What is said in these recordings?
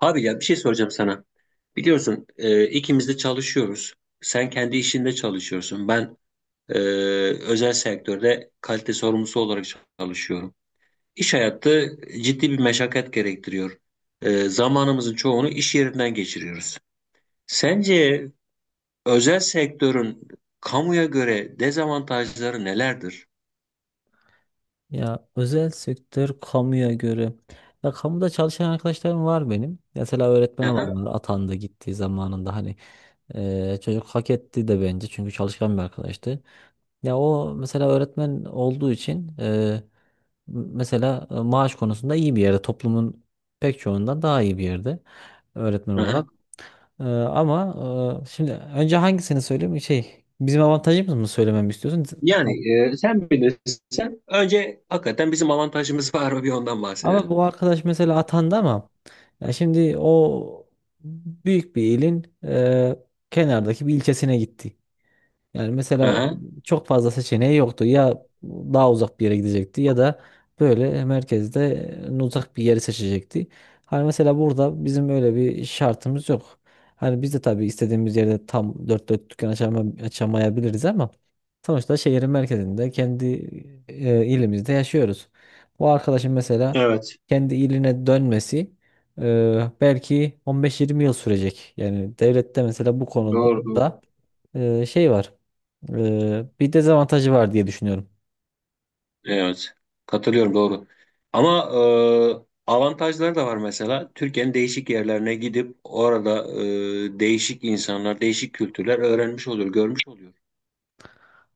Abi ya bir şey soracağım sana. Biliyorsun ikimiz de çalışıyoruz. Sen kendi işinde çalışıyorsun. Ben e, özel sektörde kalite sorumlusu olarak çalışıyorum. İş hayatı ciddi bir meşakkat gerektiriyor. Zamanımızın çoğunu iş yerinden geçiriyoruz. Sence özel sektörün kamuya göre dezavantajları nelerdir? Ya özel sektör kamuya göre. Ya kamuda çalışan arkadaşlarım var benim. Mesela öğretmen Aha, olanlar atandı gittiği zamanında hani çocuk hak etti de bence çünkü çalışkan bir arkadaştı. Ya o mesela öğretmen olduğu için mesela maaş konusunda iyi bir yerde toplumun pek çoğundan daha iyi bir yerde öğretmen aha. olarak. Ama şimdi önce hangisini söyleyeyim şey bizim avantajımız mı söylememi istiyorsun? Kam- Yani sen bilirsin. Önce hakikaten bizim avantajımız var mı bir ondan Ama bahsedelim. bu arkadaş mesela atandı ama ya şimdi o büyük bir ilin kenardaki bir ilçesine gitti. Yani mesela Aha. çok fazla seçeneği yoktu. Ya daha uzak bir yere gidecekti ya da böyle merkezde uzak bir yeri seçecekti. Hani mesela burada bizim öyle bir şartımız yok. Hani biz de tabii istediğimiz yerde tam dört dört dükkan açamayabiliriz ama sonuçta şehrin merkezinde kendi ilimizde yaşıyoruz. Bu arkadaşın mesela Evet. kendi iline dönmesi belki 15-20 yıl sürecek. Yani devlette mesela bu Doğru, doğru. konuda şey var. Bir dezavantajı var diye düşünüyorum. Evet. Katılıyorum doğru. Ama avantajları da var mesela. Türkiye'nin değişik yerlerine gidip orada değişik insanlar, değişik kültürler öğrenmiş oluyor, görmüş oluyor.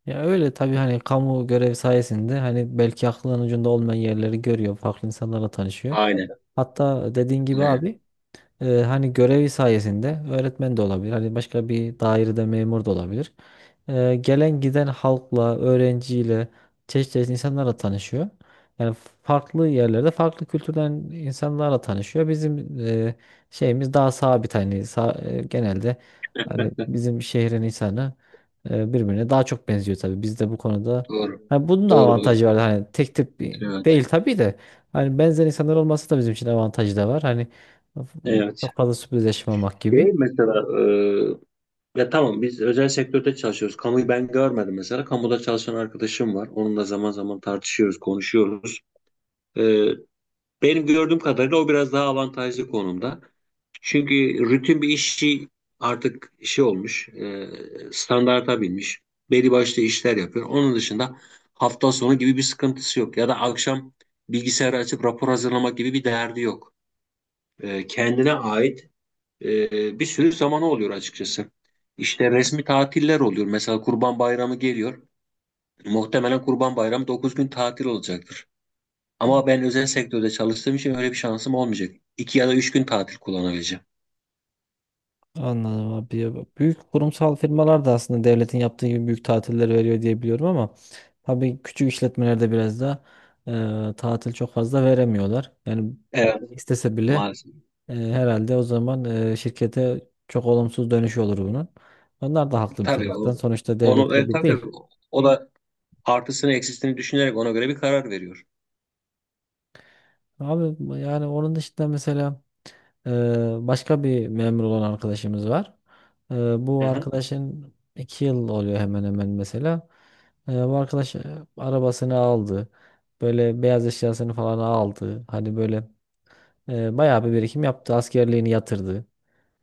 Ya öyle tabii hani kamu görev sayesinde hani belki aklının ucunda olmayan yerleri görüyor, farklı insanlarla tanışıyor. Aynen. Hatta dediğin gibi Aynen. abi hani görevi sayesinde öğretmen de olabilir. Hani başka bir dairede memur da olabilir. Gelen giden halkla, öğrenciyle, çeşitli çeşitli insanlarla tanışıyor. Yani farklı yerlerde farklı kültürden insanlarla tanışıyor. Bizim şeyimiz daha sabit hani genelde hani bizim şehrin insanı birbirine daha çok benziyor tabii. Biz de bu konuda Doğru. hani bunun da Doğru doğru. avantajı var. Hani tek tip Evet. değil tabii de hani benzer insanlar olması da bizim için avantajı da var. Hani Evet. çok fazla sürpriz yaşamamak Şey gibi. mesela ya tamam biz özel sektörde çalışıyoruz. Kamuyu ben görmedim mesela. Kamuda çalışan arkadaşım var. Onunla zaman zaman tartışıyoruz, konuşuyoruz. E, benim gördüğüm kadarıyla o biraz daha avantajlı konumda. Çünkü rutin bir işi artık şey olmuş, standarta binmiş. Belli başlı işler yapıyor. Onun dışında hafta sonu gibi bir sıkıntısı yok. Ya da akşam bilgisayarı açıp rapor hazırlamak gibi bir derdi yok. Kendine ait bir sürü zamanı oluyor açıkçası. İşte resmi tatiller oluyor. Mesela Kurban Bayramı geliyor. Muhtemelen Kurban Bayramı 9 gün tatil olacaktır. Ama ben özel sektörde çalıştığım için öyle bir şansım olmayacak. 2 ya da 3 gün tatil kullanabileceğim. Anladım abi. Ya büyük kurumsal firmalar da aslında devletin yaptığı gibi büyük tatiller veriyor diye biliyorum ama tabii küçük işletmelerde biraz da tatil çok fazla veremiyorlar. Yani Evet, istese bile maalesef. Herhalde o zaman şirkete çok olumsuz dönüşü olur bunun. Onlar da haklı bir Tabii taraftan. Sonuçta onu devletle bir tabii, değil. tabii o da artısını eksisini düşünerek ona göre bir karar veriyor. Abi yani onun dışında mesela başka bir memur olan arkadaşımız var. Bu Hı hı. arkadaşın 2 yıl oluyor hemen hemen mesela. Bu arkadaş arabasını aldı. Böyle beyaz eşyasını falan aldı. Hani böyle bayağı bir birikim yaptı. Askerliğini yatırdı.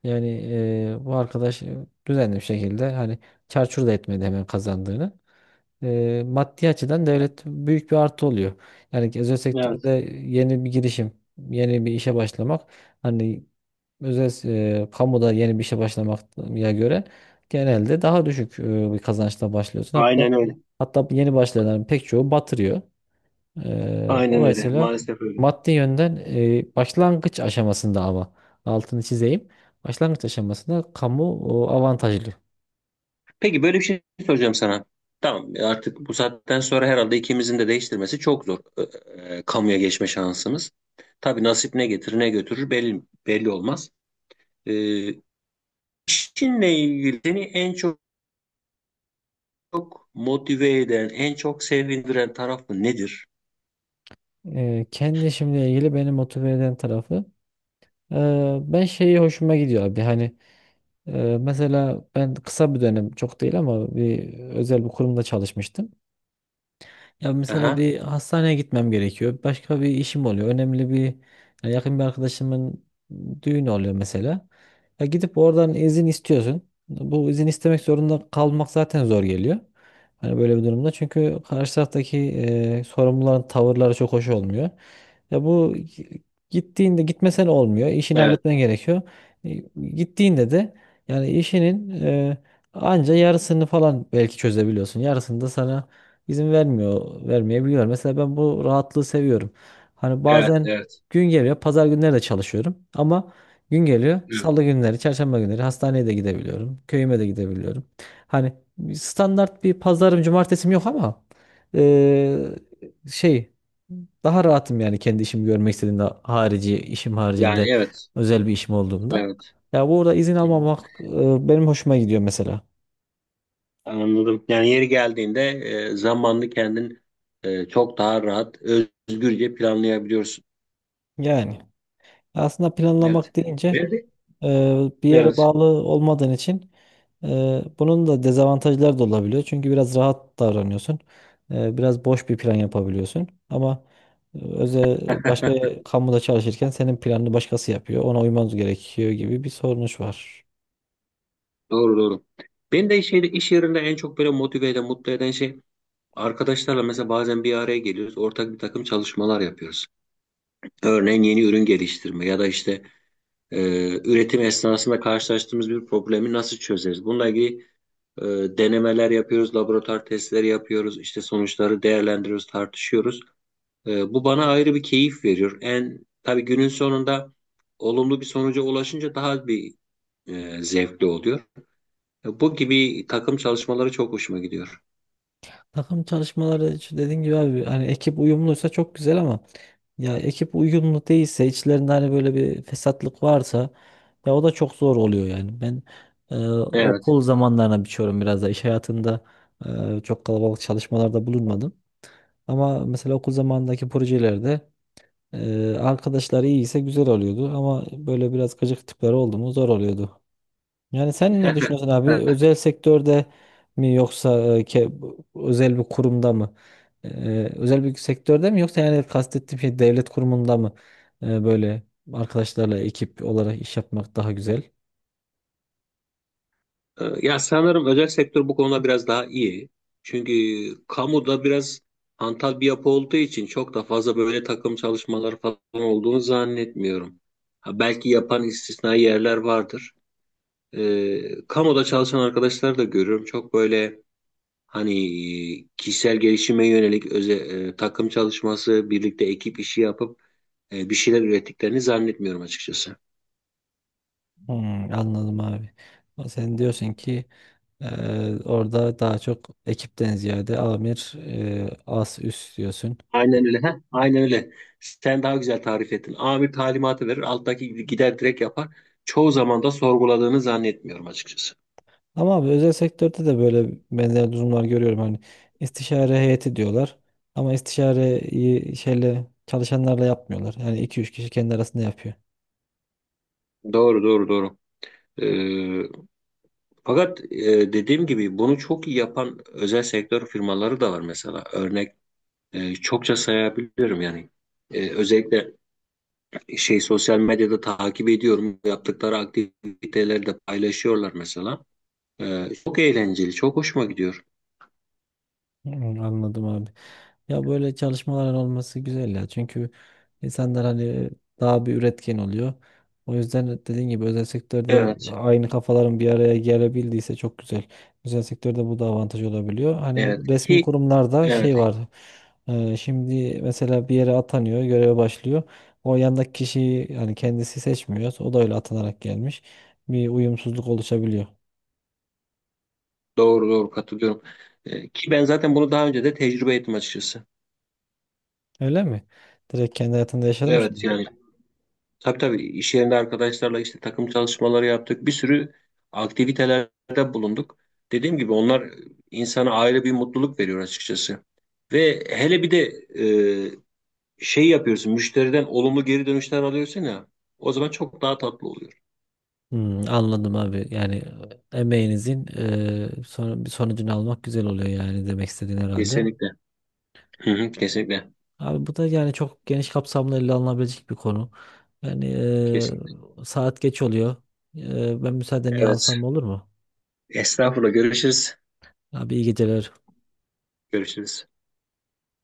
Yani bu arkadaş düzenli bir şekilde hani çarçur da etmedi hemen kazandığını maddi açıdan devlet büyük bir artı oluyor. Yani özel sektörde Evet. yeni bir girişim, yeni bir işe başlamak hani özel kamuda yeni bir işe başlamaya göre genelde daha düşük bir kazançla başlıyorsun. Hatta Aynen öyle. hatta yeni başlayanların pek çoğu batırıyor. Aynen öyle. Dolayısıyla Maalesef öyle. maddi yönden başlangıç aşamasında ama altını çizeyim. Başlangıç aşamasında kamu avantajlı. Peki böyle bir şey soracağım sana. Tamam artık bu saatten sonra herhalde ikimizin de değiştirmesi çok zor. Kamuya geçme şansımız. Tabii nasip ne getirir ne götürür belli olmaz. E, işinle ilgili seni en çok motive eden, en çok sevindiren tarafı nedir? Kendi işimle ilgili beni motive eden tarafı. Ben şeyi hoşuma gidiyor abi hani mesela ben kısa bir dönem çok değil ama bir özel bir kurumda çalışmıştım. Ya mesela Aha. bir hastaneye gitmem gerekiyor. Başka bir işim oluyor. Önemli bir Ya yakın bir arkadaşımın düğünü oluyor mesela. Ya gidip oradan izin istiyorsun. Bu izin istemek zorunda kalmak zaten zor geliyor. Hani böyle bir durumda. Çünkü karşı taraftaki sorumluların tavırları çok hoş olmuyor. Ya gittiğinde gitmesen olmuyor. İşini Evet, halletmen gerekiyor. E, Gittiğinde de yani işinin anca yarısını falan belki çözebiliyorsun. Yarısını da sana İzin vermiyor, vermeyebiliyor. Mesela ben bu rahatlığı seviyorum. Hani evet, bazen evet. gün geliyor, pazar günleri de çalışıyorum ama gün geliyor, Hı. salı günleri, çarşamba günleri hastaneye de gidebiliyorum, köyüme de gidebiliyorum. Hani standart bir pazarım, cumartesim yok ama eee, şey daha rahatım yani kendi işimi görmek istediğimde harici, işim Yani haricinde evet. özel bir işim olduğunda. Evet. Ya burada izin Hı hı. almamak benim hoşuma gidiyor mesela. Anladım. Yani yeri geldiğinde zamanını kendin çok daha rahat, özgürce planlayabiliyorsun. Yani. Aslında Evet. planlamak deyince Ben de e, bir yere evet. bağlı olmadığın için e, bunun da dezavantajları da olabiliyor. Çünkü biraz rahat davranıyorsun. Biraz boş bir plan yapabiliyorsun. Ama e, özel başka kamuda çalışırken senin planını başkası yapıyor. Ona uymanız gerekiyor gibi bir sorunuş var. Doğru doğru. Beni de şeyde iş yerinde en çok böyle motive eden, mutlu eden şey arkadaşlarla mesela bazen bir araya geliyoruz. Ortak bir takım çalışmalar yapıyoruz. Örneğin yeni ürün geliştirme ya da işte e, üretim esnasında karşılaştığımız bir problemi nasıl çözeriz? Bununla ilgili E, denemeler yapıyoruz, laboratuvar testleri yapıyoruz, işte sonuçları değerlendiriyoruz, tartışıyoruz. Bu bana ayrı bir keyif veriyor. En tabii günün sonunda olumlu bir sonuca ulaşınca daha bir zevkli oluyor. Bu gibi takım çalışmaları çok hoşuma gidiyor. Takım çalışmaları şu dediğin gibi abi hani ekip uyumluysa çok güzel ama ya ekip uyumlu değilse içlerinde hani böyle bir fesatlık varsa ya o da çok zor oluyor yani. Ben Evet. okul zamanlarına biçiyorum biraz da iş hayatında çok kalabalık çalışmalarda bulunmadım. Ama mesela okul zamanındaki projelerde arkadaşlar iyiyse güzel oluyordu ama böyle biraz gıcık tipler oldu mu zor oluyordu. Yani sen ne düşünüyorsun abi? Özel sektörde mi yoksa özel bir kurumda mı? E, Özel bir sektörde mi yoksa yani kastettiğim şey devlet kurumunda mı, böyle arkadaşlarla ekip olarak iş yapmak daha güzel? Ya sanırım özel sektör bu konuda biraz daha iyi. Çünkü kamuda biraz hantal bir yapı olduğu için çok da fazla böyle takım çalışmaları falan olduğunu zannetmiyorum. Ha, belki yapan istisnai yerler vardır. Kamuda çalışan arkadaşlar da görüyorum. Çok böyle hani kişisel gelişime yönelik takım çalışması, birlikte ekip işi yapıp bir şeyler ürettiklerini zannetmiyorum açıkçası. Hmm, anladım abi. Ama sen diyorsun ki orada daha çok ekipten ziyade amir, as üst diyorsun. Aynen öyle. Heh, aynen öyle. Sen daha güzel tarif ettin. Amir talimatı verir, alttaki gider direkt yapar. Çoğu zaman da sorguladığını zannetmiyorum açıkçası. Ama abi özel sektörde de böyle benzer durumlar görüyorum. Hani istişare heyeti diyorlar. Ama istişareyi şeyle çalışanlarla yapmıyorlar. Yani iki üç kişi kendi arasında yapıyor. Doğru, doğru, doğru. Ee, fakat dediğim gibi bunu çok iyi yapan özel sektör firmaları da var mesela. Örnek çokça sayabilirim yani. Özellikle şey sosyal medyada takip ediyorum. Yaptıkları aktiviteleri de paylaşıyorlar mesela. Çok eğlenceli, çok hoşuma gidiyor. Hmm, anladım abi. Ya böyle çalışmaların olması güzel ya. Çünkü insanlar hani daha bir üretken oluyor. O yüzden dediğin gibi özel sektörde Evet, aynı kafaların bir araya gelebildiyse çok güzel. Özel sektörde bu da avantaj olabiliyor. Hani evet resmi ki kurumlarda evet. şey var. Şimdi mesela bir yere atanıyor, göreve başlıyor. O yandaki kişiyi yani kendisi seçmiyor. O da öyle atanarak gelmiş. Bir uyumsuzluk oluşabiliyor. Doğru doğru katılıyorum, ki ben zaten bunu daha önce de tecrübe ettim açıkçası. Öyle mi? Direkt kendi hayatında yaşamış Evet mı? yani tabii tabii iş yerinde arkadaşlarla işte takım çalışmaları yaptık. Bir sürü aktivitelerde bulunduk. Dediğim gibi onlar insana ayrı bir mutluluk veriyor açıkçası. Ve hele bir de e, şey yapıyorsun müşteriden olumlu geri dönüşler alıyorsun ya. O zaman çok daha tatlı oluyor. Hmm, anladım abi. Yani emeğinizin bir sonucunu almak güzel oluyor yani demek istediğin herhalde. Kesinlikle. Hı hı, kesinlikle. Abi bu da yani çok geniş kapsamlı ele alınabilecek bir konu. Yani Kesinlikle. Saat geç oluyor. Ben müsaadeni Evet. alsam olur mu? Estağfurullah görüşürüz. Abi iyi geceler. Görüşürüz.